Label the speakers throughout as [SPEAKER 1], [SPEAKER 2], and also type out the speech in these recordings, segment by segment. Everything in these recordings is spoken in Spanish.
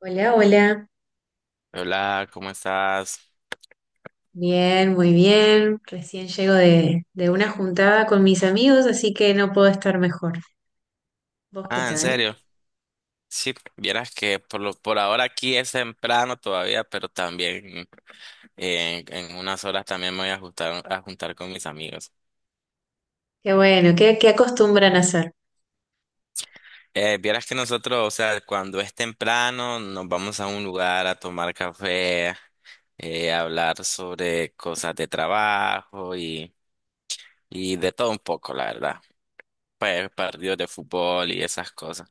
[SPEAKER 1] Hola, hola.
[SPEAKER 2] Hola, ¿cómo estás?
[SPEAKER 1] Bien, muy bien. Recién llego de una juntada con mis amigos, así que no puedo estar mejor. ¿Vos qué
[SPEAKER 2] Ah, ¿en
[SPEAKER 1] tal?
[SPEAKER 2] serio? Sí, vieras que por ahora aquí es temprano todavía, pero también en unas horas también me voy a juntar, con mis amigos.
[SPEAKER 1] Qué bueno, ¿qué acostumbran a hacer?
[SPEAKER 2] Vieras que nosotros, o sea, cuando es temprano, nos vamos a un lugar a tomar café, a hablar sobre cosas de trabajo y de todo un poco, la verdad. Pues partidos de fútbol y esas cosas.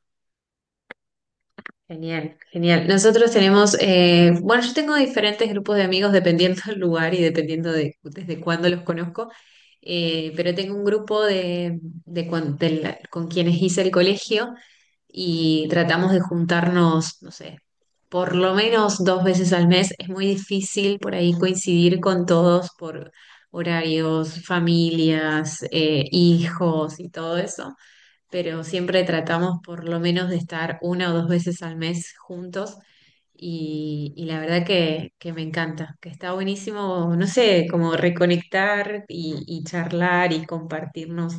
[SPEAKER 1] Genial, genial. Nosotros tenemos, bueno, yo tengo diferentes grupos de amigos dependiendo del lugar y dependiendo de desde cuándo los conozco, pero tengo un grupo de con quienes hice el colegio y tratamos de juntarnos, no sé, por lo menos dos veces al mes. Es muy difícil por ahí coincidir con todos por horarios, familias, hijos y todo eso, pero siempre tratamos por lo menos de estar una o dos veces al mes juntos y la verdad que me encanta, que está buenísimo, no sé, como reconectar y charlar y compartirnos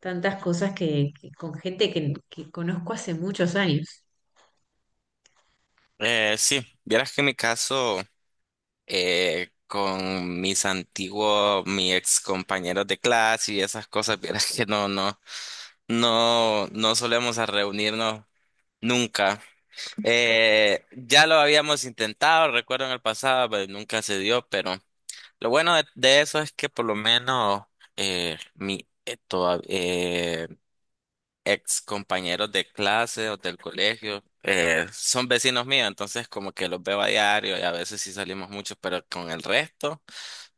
[SPEAKER 1] tantas cosas que con gente que conozco hace muchos años.
[SPEAKER 2] Sí, vieras que en mi caso. Con mis antiguos, mis ex compañeros de clase y esas cosas, vieras que no solemos a reunirnos nunca. Ya lo habíamos intentado, recuerdo en el pasado, pero nunca se dio, pero lo bueno de eso es que por lo menos eh, mi eh, toda- eh, ex compañeros de clase o del colegio, son vecinos míos, entonces como que los veo a diario y a veces sí salimos mucho, pero con el resto.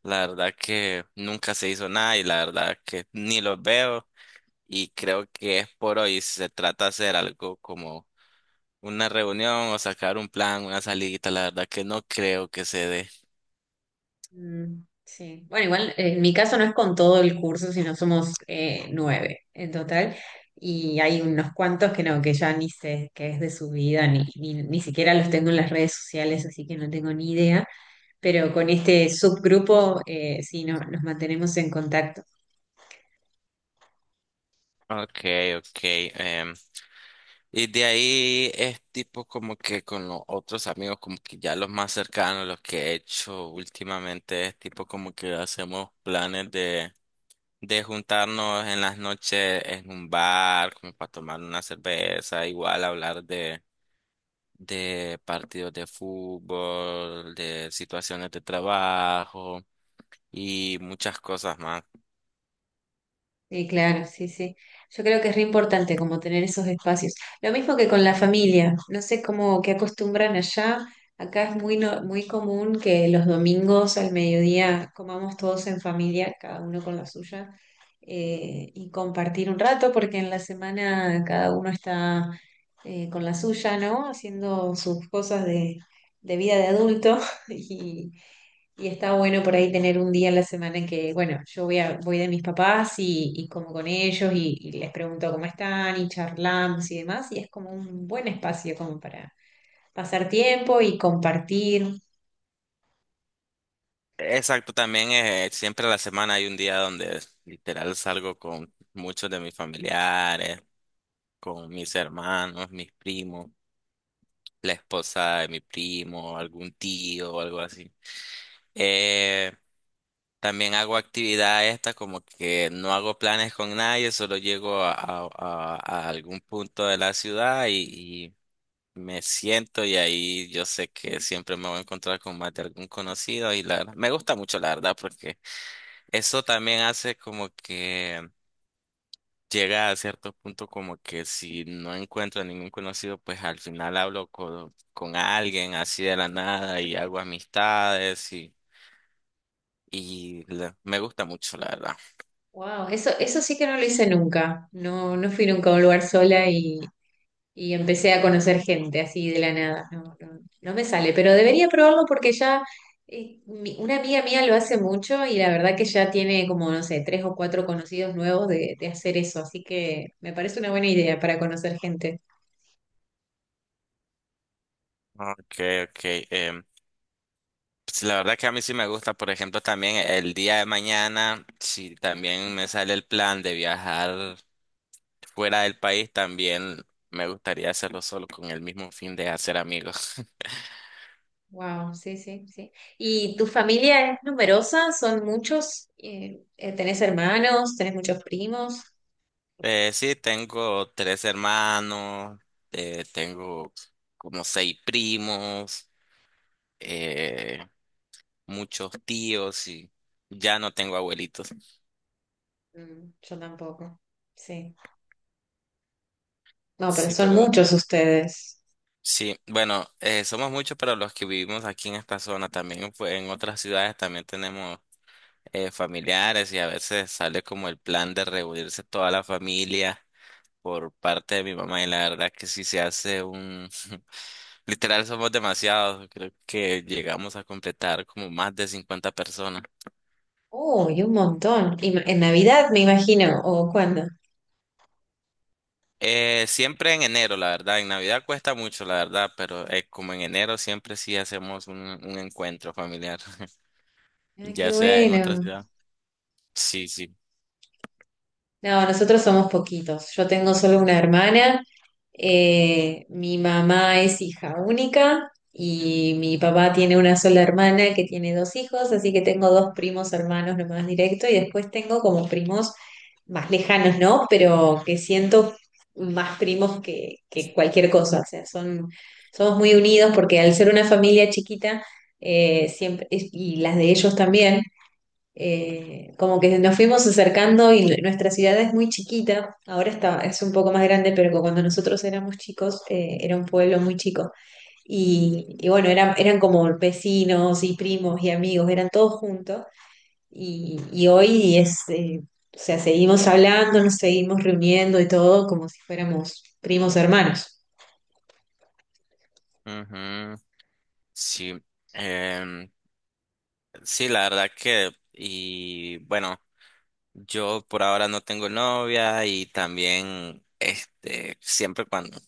[SPEAKER 2] La verdad que nunca se hizo nada y la verdad que ni los veo y creo que es por hoy. Si Se trata de hacer algo como una reunión o sacar un plan, una salidita. La verdad que no creo que se dé.
[SPEAKER 1] Mm, sí. Bueno, igual en mi caso no es con todo el curso, sino somos nueve en total. Y hay unos cuantos que no, que ya ni sé qué es de su vida, ni siquiera los tengo en las redes sociales, así que no tengo ni idea. Pero con este subgrupo, sí, no, nos mantenemos en contacto.
[SPEAKER 2] Okay, okay. em, y de ahí es tipo como que con los otros amigos, como que ya los más cercanos, los que he hecho últimamente, es tipo como que hacemos planes de juntarnos en las noches en un bar, como para tomar una cerveza, igual hablar de partidos de fútbol, de situaciones de trabajo y muchas cosas más.
[SPEAKER 1] Sí, claro, sí, sí. Yo creo que es re importante como tener esos espacios. Lo mismo que con la familia. No sé cómo qué acostumbran allá. Acá es muy no- muy común que los domingos al mediodía comamos todos en familia, cada uno con la suya, y compartir un rato, porque en la semana cada uno está con la suya, ¿no? Haciendo sus cosas de vida de adulto y y está bueno por ahí tener un día a la semana que, bueno, yo voy de mis papás y como con ellos y les pregunto cómo están y charlamos y demás, y es como un buen espacio como para pasar tiempo y compartir.
[SPEAKER 2] Exacto, también siempre a la semana hay un día donde literal salgo con muchos de mis familiares, con mis hermanos, mis primos, la esposa de mi primo, algún tío o algo así. Eh, También hago actividades estas como que no hago planes con nadie, solo llego a algún punto de la ciudad y me siento y ahí yo sé que siempre me voy a encontrar con más de algún conocido y la verdad, me gusta mucho la verdad porque eso también hace como que llega a cierto punto como que si no encuentro ningún conocido, pues al final hablo con alguien así de la nada y hago amistades y me gusta mucho la verdad.
[SPEAKER 1] Wow, eso sí que no lo hice nunca. No, no fui nunca a un lugar sola y empecé a conocer gente así de la nada. No, no, no me sale, pero debería probarlo porque ya una amiga mía lo hace mucho y la verdad que ya tiene como, no sé, tres o cuatro conocidos nuevos de hacer eso, así que me parece una buena idea para conocer gente.
[SPEAKER 2] Ok, ok. em, pues, la verdad que a mí sí me gusta, por ejemplo, también el día de mañana, si también me sale el plan de viajar fuera del país, también me gustaría hacerlo solo con el mismo fin de hacer amigos.
[SPEAKER 1] Wow, sí, sí, sí. ¿Y tu familia es numerosa? ¿Son muchos? ¿Tenés hermanos? ¿Tenés muchos primos?
[SPEAKER 2] Sí, tengo tres hermanos, tengo como seis primos, eh, muchos tíos y ya no tengo abuelitos.
[SPEAKER 1] Mm, yo tampoco. Sí. No, pero
[SPEAKER 2] Sí,
[SPEAKER 1] son
[SPEAKER 2] pero
[SPEAKER 1] muchos ustedes.
[SPEAKER 2] sí, bueno, somos muchos, pero los que vivimos aquí en esta zona también, pues en otras ciudades también tenemos familiares y a veces sale como el plan de reunirse toda la familia por parte de mi mamá y la verdad que sí se hace un... Literal somos demasiados, creo que llegamos a completar como más de 50 personas.
[SPEAKER 1] Uy, un montón. Y en Navidad, me imagino, o cuándo.
[SPEAKER 2] Siempre en enero, la verdad, en Navidad cuesta mucho, la verdad, pero como en enero siempre sí hacemos un encuentro familiar,
[SPEAKER 1] Ah, qué
[SPEAKER 2] ya sea en otras
[SPEAKER 1] bueno.
[SPEAKER 2] ciudades. Sí, sí.
[SPEAKER 1] No, nosotros somos poquitos. Yo tengo solo una hermana. Mi mamá es hija única y mi papá tiene una sola hermana que tiene dos hijos, así que tengo dos primos hermanos nomás directo y después tengo como primos más lejanos, ¿no? Pero que siento más primos que cualquier cosa. O sea, son, somos muy unidos porque al ser una familia chiquita, siempre, y las de ellos también. Como que nos fuimos acercando y nuestra ciudad es muy chiquita, ahora está, es un poco más grande, pero cuando nosotros éramos chicos, era un pueblo muy chico. Y bueno, eran como vecinos y primos y amigos, eran todos juntos. Y hoy es, o sea, seguimos hablando, nos seguimos reuniendo y todo como si fuéramos primos hermanos.
[SPEAKER 2] Ujú, sí. Em, sí, la verdad que, y bueno, yo por ahora no tengo novia y también, este,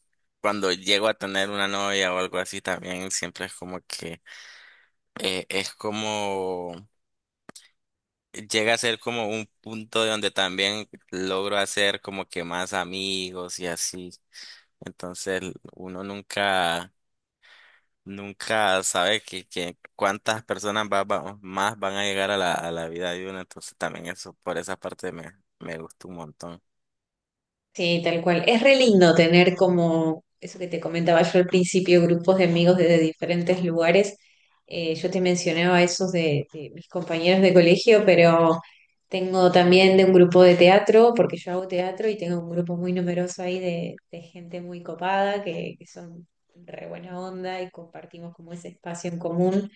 [SPEAKER 2] cuando llego a tener una novia o algo así, también siempre es como que, eh, es como, llega a ser como un punto de donde también logro hacer como que más amigos y así. Entonces, uno nunca... Nunca sabes que cuántas personas más van a llegar a la vida de uno, entonces también eso, por esa parte me gusta un montón.
[SPEAKER 1] Sí, tal cual. Es re lindo tener como eso que te comentaba yo al principio, grupos de amigos desde diferentes lugares. Yo te mencionaba esos de mis compañeros de colegio, pero tengo también de un grupo de teatro, porque yo hago teatro y tengo un grupo muy numeroso ahí de gente muy copada, que son re buena onda y compartimos como ese espacio en común.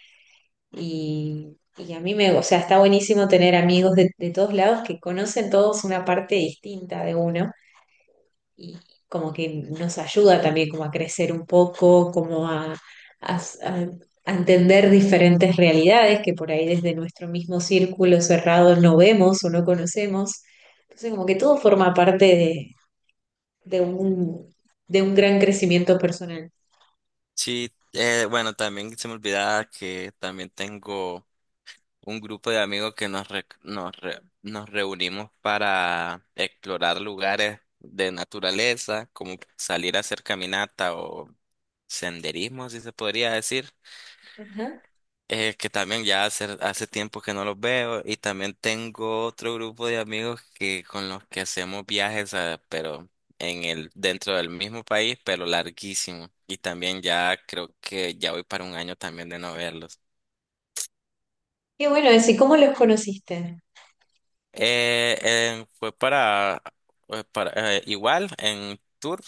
[SPEAKER 1] Y a mí me, o sea, está buenísimo tener amigos de todos lados que conocen todos una parte distinta de uno y como que nos ayuda también como a crecer un poco, como a- a entender diferentes realidades que por ahí desde nuestro mismo círculo cerrado no vemos o no conocemos. Entonces como que todo forma parte de un, de un gran crecimiento personal.
[SPEAKER 2] Sí, bueno, también se me olvidaba que también tengo un grupo de amigos que nos reunimos para explorar lugares de naturaleza, como salir a hacer caminata o senderismo, si se podría decir.
[SPEAKER 1] Ajá.
[SPEAKER 2] Que también ya hace tiempo que no los veo y también tengo otro grupo de amigos que con los que hacemos viajes, a- pero en el dentro del mismo país, pero larguísimo. Y también ya creo que ya voy para un año también de no verlos.
[SPEAKER 1] Qué bueno eso, ¿y cómo los conociste?
[SPEAKER 2] Eh, eh, fue para, Fue para igual en tour,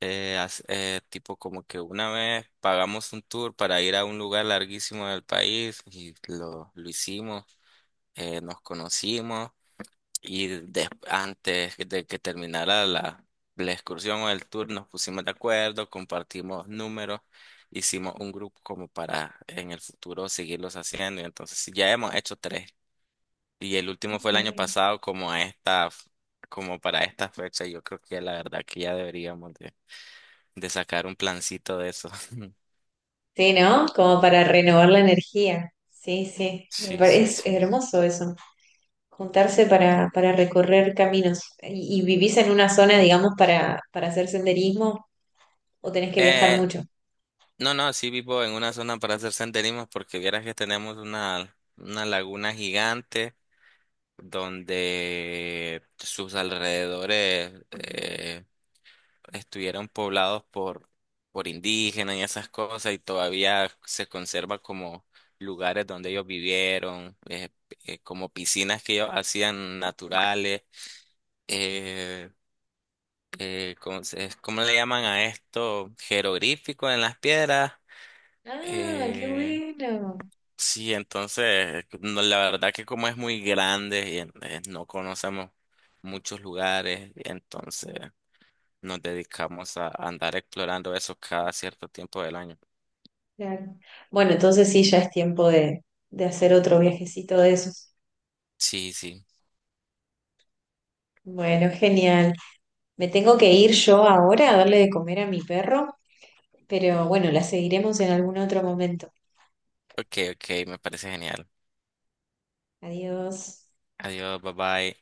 [SPEAKER 2] tipo como que una vez pagamos un tour para ir a un lugar larguísimo del país y lo hicimos, nos conocimos. Antes de que terminara la excursión o el tour, nos pusimos de acuerdo, compartimos números, hicimos un grupo como para en el futuro seguirlos haciendo. Y entonces sí, ya hemos hecho tres. Y el último fue el
[SPEAKER 1] Qué
[SPEAKER 2] año
[SPEAKER 1] bueno.
[SPEAKER 2] pasado, como para esta fecha. Yo creo que la verdad que ya deberíamos de sacar un plancito de eso.
[SPEAKER 1] Sí, ¿no? Como para renovar la energía. Sí, sí, me
[SPEAKER 2] Sí, sí,
[SPEAKER 1] parece
[SPEAKER 2] sí.
[SPEAKER 1] hermoso eso. Juntarse para recorrer caminos. Y vivís en una zona, digamos, para hacer senderismo o tenés que viajar
[SPEAKER 2] Eh,
[SPEAKER 1] mucho?
[SPEAKER 2] no, sí vivo en una zona para hacer senderismo porque vieras que tenemos una laguna gigante, donde sus alrededores estuvieron poblados por indígenas y esas cosas, y todavía se conserva como lugares donde ellos vivieron, como piscinas que ellos hacían naturales. eh, ¿Cómo, cómo le llaman a esto? Jeroglífico en las piedras.
[SPEAKER 1] Ah, qué
[SPEAKER 2] eh,
[SPEAKER 1] bueno.
[SPEAKER 2] Sí, entonces, no, la verdad que como es muy grande no conocemos muchos lugares, entonces nos dedicamos a andar explorando eso cada cierto tiempo del año.
[SPEAKER 1] Claro. Bueno, entonces sí, ya es tiempo de hacer otro viajecito de esos.
[SPEAKER 2] Sí, sí.
[SPEAKER 1] Bueno, genial. Me tengo que ir yo ahora a darle de comer a mi perro, pero bueno, la seguiremos en algún otro momento.
[SPEAKER 2] Ok, ok, me parece genial.
[SPEAKER 1] Adiós.
[SPEAKER 2] Adiós, bye bye.